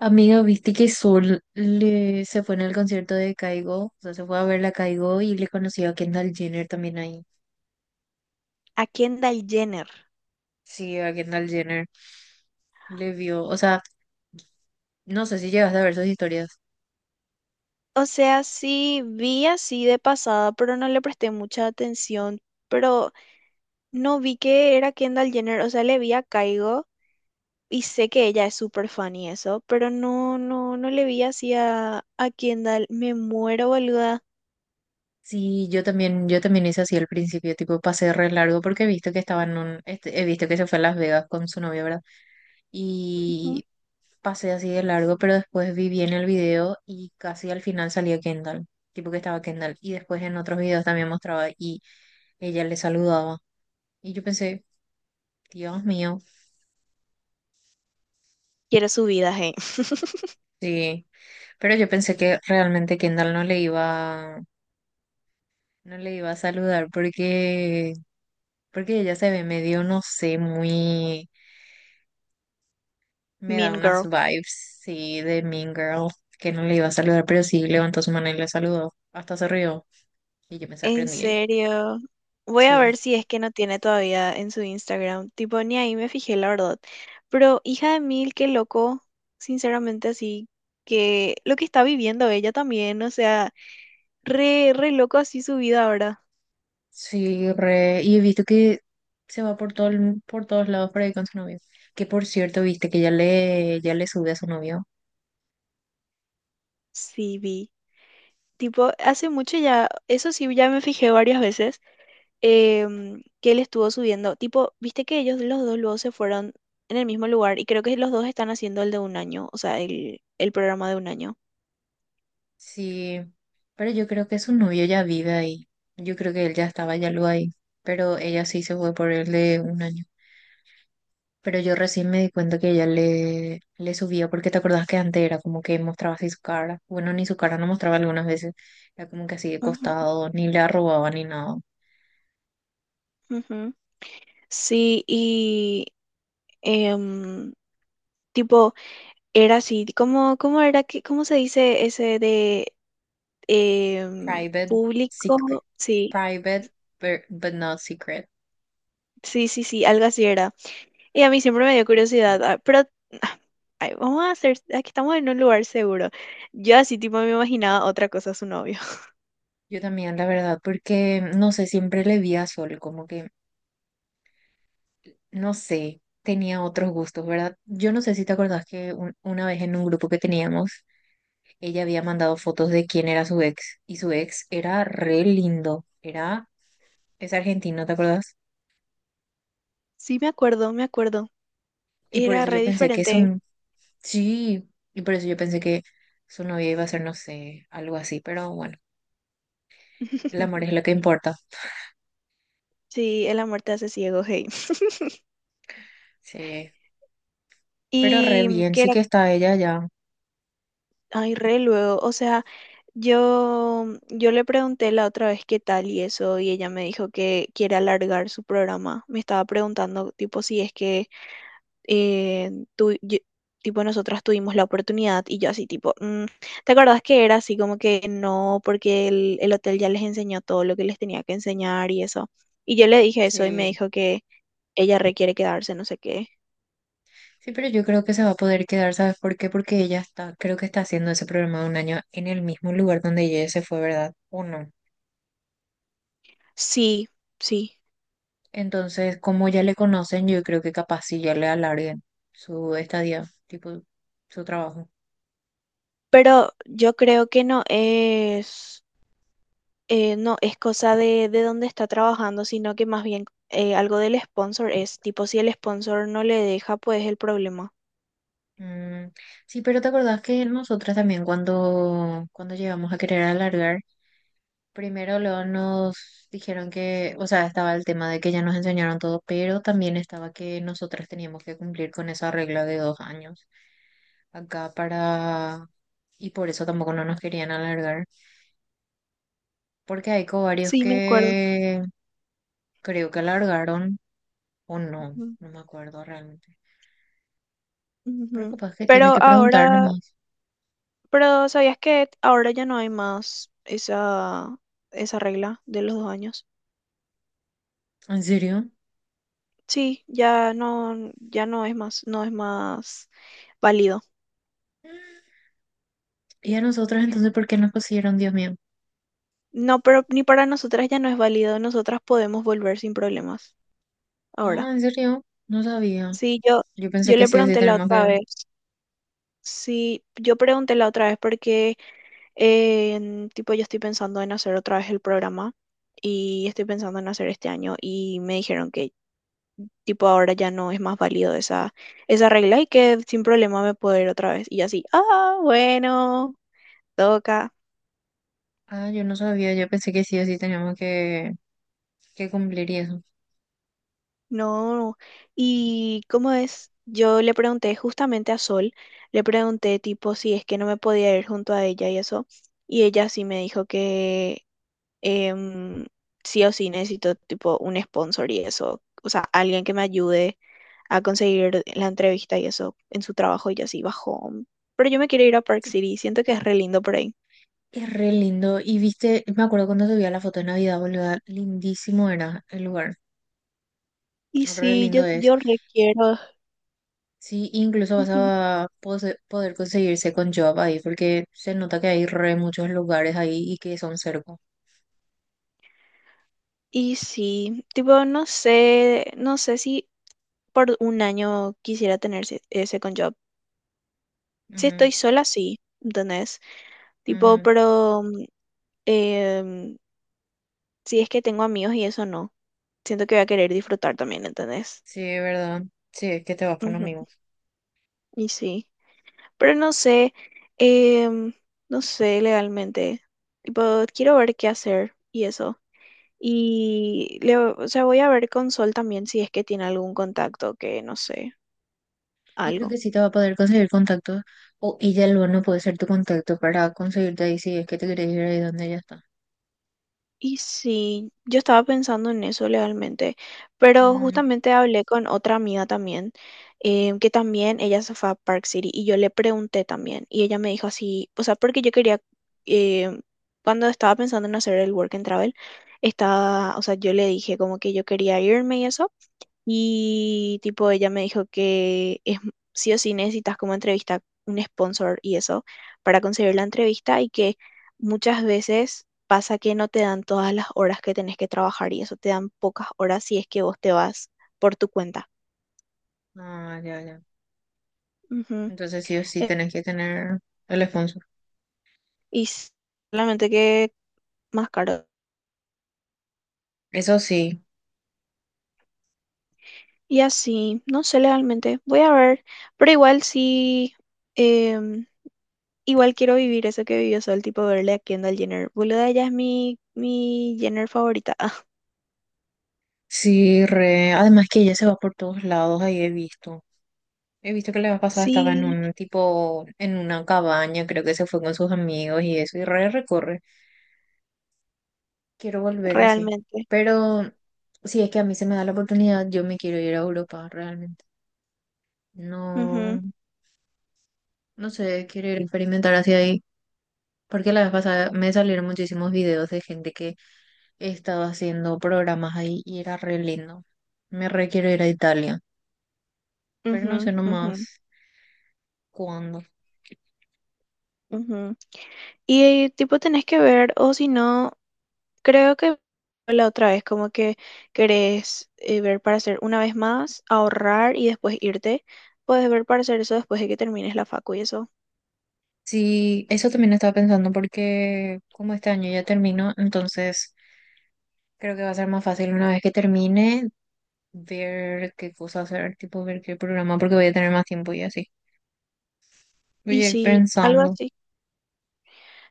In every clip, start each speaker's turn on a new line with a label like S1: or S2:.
S1: Amiga, viste que se fue en el concierto de Caigo, o sea, se fue a ver la Caigo y le conoció a Kendall Jenner también ahí.
S2: A Kendall Jenner.
S1: Sí, a Kendall Jenner le vio, o sea, no sé si llegaste a ver sus historias.
S2: O sea, sí vi así de pasada, pero no le presté mucha atención. Pero no vi que era Kendall Jenner, o sea, le vi a Kygo y sé que ella es súper fan y eso, pero no, no, no le vi así a Kendall. Me muero, boluda.
S1: Sí, yo también hice así al principio, tipo pasé re largo porque he visto que estaban en he visto que se fue a Las Vegas con su novia, ¿verdad?
S2: Ujú.
S1: Y pasé así de largo, pero después vi bien el video y casi al final salía Kendall, tipo que estaba Kendall. Y después en otros videos también mostraba y ella le saludaba. Y yo pensé, Dios mío,
S2: Quiero su vida, hey.
S1: sí. Pero yo pensé que realmente Kendall no le iba, no le iba a saludar porque, porque ella se ve medio, no sé, muy, me da
S2: Mean
S1: unas
S2: Girl.
S1: vibes, sí, de Mean Girl, que no le iba a saludar, pero sí levantó su mano y le saludó, hasta se rió. Y yo me
S2: En
S1: sorprendí ahí.
S2: serio. Voy a
S1: Sí,
S2: ver si es que no tiene todavía en su Instagram. Tipo, ni ahí me fijé, la verdad. Pero hija de mil, qué loco. Sinceramente, así que lo que está viviendo ella también. O sea, re, re loco así su vida ahora.
S1: sí, re. Y he visto que se va por todo, por todos lados por ahí con su novio. Que por cierto, viste que ya le sube a su novio.
S2: Sí, vi. Tipo, hace mucho ya, eso sí, ya me fijé varias veces. Que él estuvo subiendo. Tipo, viste que ellos los dos luego se fueron en el mismo lugar y creo que los dos están haciendo el de un año, o sea, el programa de un año.
S1: Sí, pero yo creo que su novio ya vive ahí. Yo creo que él ya estaba ya luego ahí, pero ella sí se fue por él de un año. Pero yo recién me di cuenta que le subía, porque te acordás que antes era como que mostraba así su cara. Bueno, ni su cara no mostraba algunas veces. Era como que así de
S2: Ujú,
S1: costado, ni le arrobaba ni nada.
S2: ujú. Sí, y em, tipo, era así, ¿Cómo era que, cómo se dice ese de em,
S1: Private, secret,
S2: público? Sí,
S1: private, but not secret.
S2: sí, sí, sí, algo así era. Y a mí siempre me dio curiosidad, ah, pero ay, vamos a hacer, aquí estamos en un lugar seguro. Yo así tipo me imaginaba otra cosa a su novio.
S1: Yo también, la verdad, porque no sé, siempre le vi a Sol, como que no sé, tenía otros gustos, ¿verdad? Yo no sé si te acordás que una vez en un grupo que teníamos, ella había mandado fotos de quién era su ex y su ex era re lindo, era, es argentino, ¿te acordás?
S2: Sí, me acuerdo, me acuerdo.
S1: Y por
S2: Era
S1: eso
S2: re
S1: yo pensé que es
S2: diferente.
S1: un, sí, y por eso yo pensé que su novia iba a ser, no sé, algo así, pero bueno, el amor es lo que importa,
S2: Sí, el amor te hace ciego, hey.
S1: sí, pero re
S2: Y
S1: bien,
S2: que
S1: sí
S2: era,
S1: que está ella ya,
S2: ay, re luego, o sea, yo le pregunté la otra vez qué tal y eso, y ella me dijo que quiere alargar su programa. Me estaba preguntando, tipo, si es que eh, tu- yo- tipo, nosotras tuvimos la oportunidad y yo así, tipo, "Mm, ¿te acordás que era así como que no, porque el hotel ya les enseñó todo lo que les tenía que enseñar y eso? Y yo le dije eso y me
S1: sí.
S2: dijo que ella requiere quedarse, no sé qué.
S1: Sí, pero yo creo que se va a poder quedar, ¿sabes por qué? Porque ella está, creo que está haciendo ese programa de un año en el mismo lugar donde ella se fue, ¿verdad? ¿O no?
S2: Sí, sí,
S1: Entonces, como ya le conocen, yo creo que capaz sí ya le alarguen su estadía, tipo su trabajo.
S2: pero yo creo que no es, no es cosa de, dónde está trabajando, sino que más bien algo del sponsor es, tipo, si el sponsor no le deja, pues es el problema.
S1: Mm, sí, pero ¿te acordás que nosotras también cuando llegamos a querer alargar, primero luego nos dijeron que, o sea, estaba el tema de que ya nos enseñaron todo, pero también estaba que nosotras teníamos que cumplir con esa regla de dos años. Acá para... Y por eso tampoco no nos querían alargar, porque hay covarios
S2: Sí, me acuerdo.
S1: que creo que alargaron o no, no me acuerdo realmente. Pero
S2: Ujú.
S1: capaz que tiene
S2: Pero
S1: que preguntar
S2: ahora,
S1: nomás.
S2: pero ¿sabías que ahora ya no hay más esa regla de los 2 años?
S1: ¿En serio?
S2: Sí, ya no es más, no es más válido.
S1: Mm. ¿Y a nosotros entonces por qué nos pusieron, Dios mío?
S2: No, pero ni para nosotras ya no es válido. Nosotras podemos volver sin problemas
S1: Ah,
S2: ahora.
S1: ¿en serio? No sabía.
S2: Sí, yo,
S1: Yo pensé
S2: yo
S1: que
S2: le
S1: sí o sí
S2: pregunté la
S1: tenemos
S2: otra
S1: que...
S2: vez. Sí, yo pregunté la otra vez porque tipo yo estoy pensando en hacer otra vez el programa y estoy pensando en hacer este año y me dijeron que tipo ahora ya no es más válido esa regla y que sin problema me puedo ir otra vez. Y yo así, ah, bueno, toca.
S1: Ah, yo no sabía, yo pensé que sí o sí teníamos que cumplir y eso.
S2: No. Y cómo es, yo le pregunté justamente a Sol, le pregunté tipo si es que no me podía ir junto a ella y eso. Y ella sí me dijo que em, sí o sí necesito tipo un sponsor y eso. O sea, alguien que me ayude a conseguir la entrevista y eso en su trabajo y yo así bajó. Pero yo me quiero ir a Park
S1: Sí,
S2: City, siento que es re lindo por ahí.
S1: es re lindo. Y viste, me acuerdo cuando subía la foto de Navidad, boluda, lindísimo era el lugar.
S2: Y
S1: Re
S2: sí,
S1: lindo
S2: yo,
S1: es.
S2: yo requiero.
S1: Sí, incluso vas
S2: Ujú.
S1: a poder conseguirse con job ahí, porque se nota que hay re muchos lugares ahí y que son cerca.
S2: Y sí, tipo, no sé, no sé si por un año quisiera tener ese con job. Si
S1: Ujú,
S2: estoy sola, sí, ¿entendés? Tipo,
S1: ujú.
S2: pero mm, em, si es que tengo amigos y eso no. Siento que voy a querer disfrutar también, ¿entendés?
S1: Sí, es verdad. Sí, es que te vas con
S2: Ujú,
S1: amigos.
S2: y sí. Pero no sé, em, no sé legalmente. Tipo, quiero ver qué hacer y eso. Y le, o sea, voy a ver con Sol también si es que tiene algún contacto que no sé,
S1: Yo creo
S2: algo.
S1: que sí te va a poder conseguir contactos, o ella luego no puede ser tu contacto para conseguirte ahí si es que te querés ir ahí donde ella está.
S2: Y sí, yo estaba pensando en eso realmente, pero
S1: Mm,
S2: justamente hablé con otra amiga también, que también ella se fue a Park City y yo le pregunté también y ella me dijo así, o sea, porque yo quería, em, cuando estaba pensando en hacer el work and travel, estaba, o sea, yo le dije como que yo quería irme y eso. Y tipo, ella me dijo que es sí o sí necesitas como entrevista un sponsor y eso para conseguir la entrevista y que muchas veces pasa que no te dan todas las horas que tenés que trabajar y eso te dan pocas horas si es que vos te vas por tu cuenta.
S1: ah, ya, ya.
S2: Ujú.
S1: Entonces sí o sí
S2: Eh,
S1: tenés que tener el sponsor.
S2: Y solamente que más caro.
S1: Eso sí,
S2: Y así, no sé legalmente, voy a ver, pero igual sí, em, igual quiero vivir eso que vivió Sol, tipo verle a Kendall Jenner. Boluda, ella es mi, Jenner favorita.
S1: sí, re. Además que ella se va por todos lados, ahí he visto. He visto que la vez pasada estaba en
S2: Sí,
S1: un tipo, en una cabaña, creo que se fue con sus amigos y eso, y re recorre. Quiero volver así.
S2: realmente.
S1: Pero si es que a mí se me da la oportunidad, yo me quiero ir a Europa realmente.
S2: Ujú,
S1: No, no sé, quiero ir a experimentar hacia ahí. Porque la vez pasada me salieron muchísimos videos de gente que estaba haciendo programas ahí y era re lindo. Me re quiero ir a Italia, pero no
S2: ujú,
S1: sé
S2: ujú,
S1: nomás cuándo.
S2: ujú. Y tipo tenés que ver, o si no, creo que la otra vez, como que querés ver para hacer una vez más, ahorrar y después irte. Puedes ver para hacer eso después de que termines la facu y eso.
S1: Sí, eso también estaba pensando porque como este año ya termino, entonces creo que va a ser más fácil una vez que termine ver qué cosa hacer, tipo ver qué programa, porque voy a tener más tiempo y así. Voy
S2: Y
S1: a ir
S2: sí, algo
S1: pensando.
S2: así.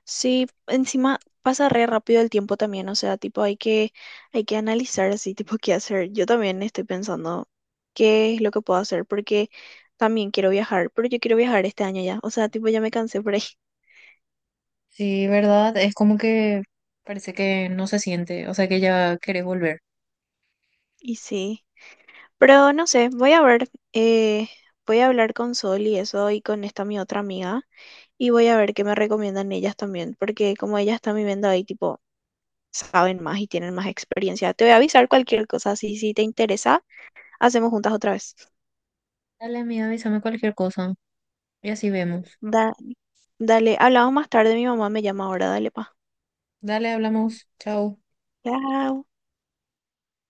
S2: Sí, encima pasa re rápido el tiempo también, o sea, tipo hay que analizar así, tipo qué hacer. Yo también estoy pensando qué es lo que puedo hacer, porque también quiero viajar, pero yo quiero viajar este año ya, o sea, tipo ya me cansé por ahí.
S1: Sí, ¿verdad? Es como que parece que no se siente, o sea que ya querés volver.
S2: Y sí, pero no sé, voy a ver, eh, voy a hablar con Sol y eso y con esta mi otra amiga y voy a ver qué me recomiendan ellas también, porque como ellas están viviendo ahí, tipo, saben más y tienen más experiencia. Te voy a avisar cualquier cosa, si te interesa, hacemos juntas otra vez.
S1: Dale, amiga, avísame cualquier cosa y así vemos.
S2: Da- dale, hablamos más tarde, mi mamá me llama ahora, dale, pa.
S1: Dale, hablamos. Chao.
S2: Chao.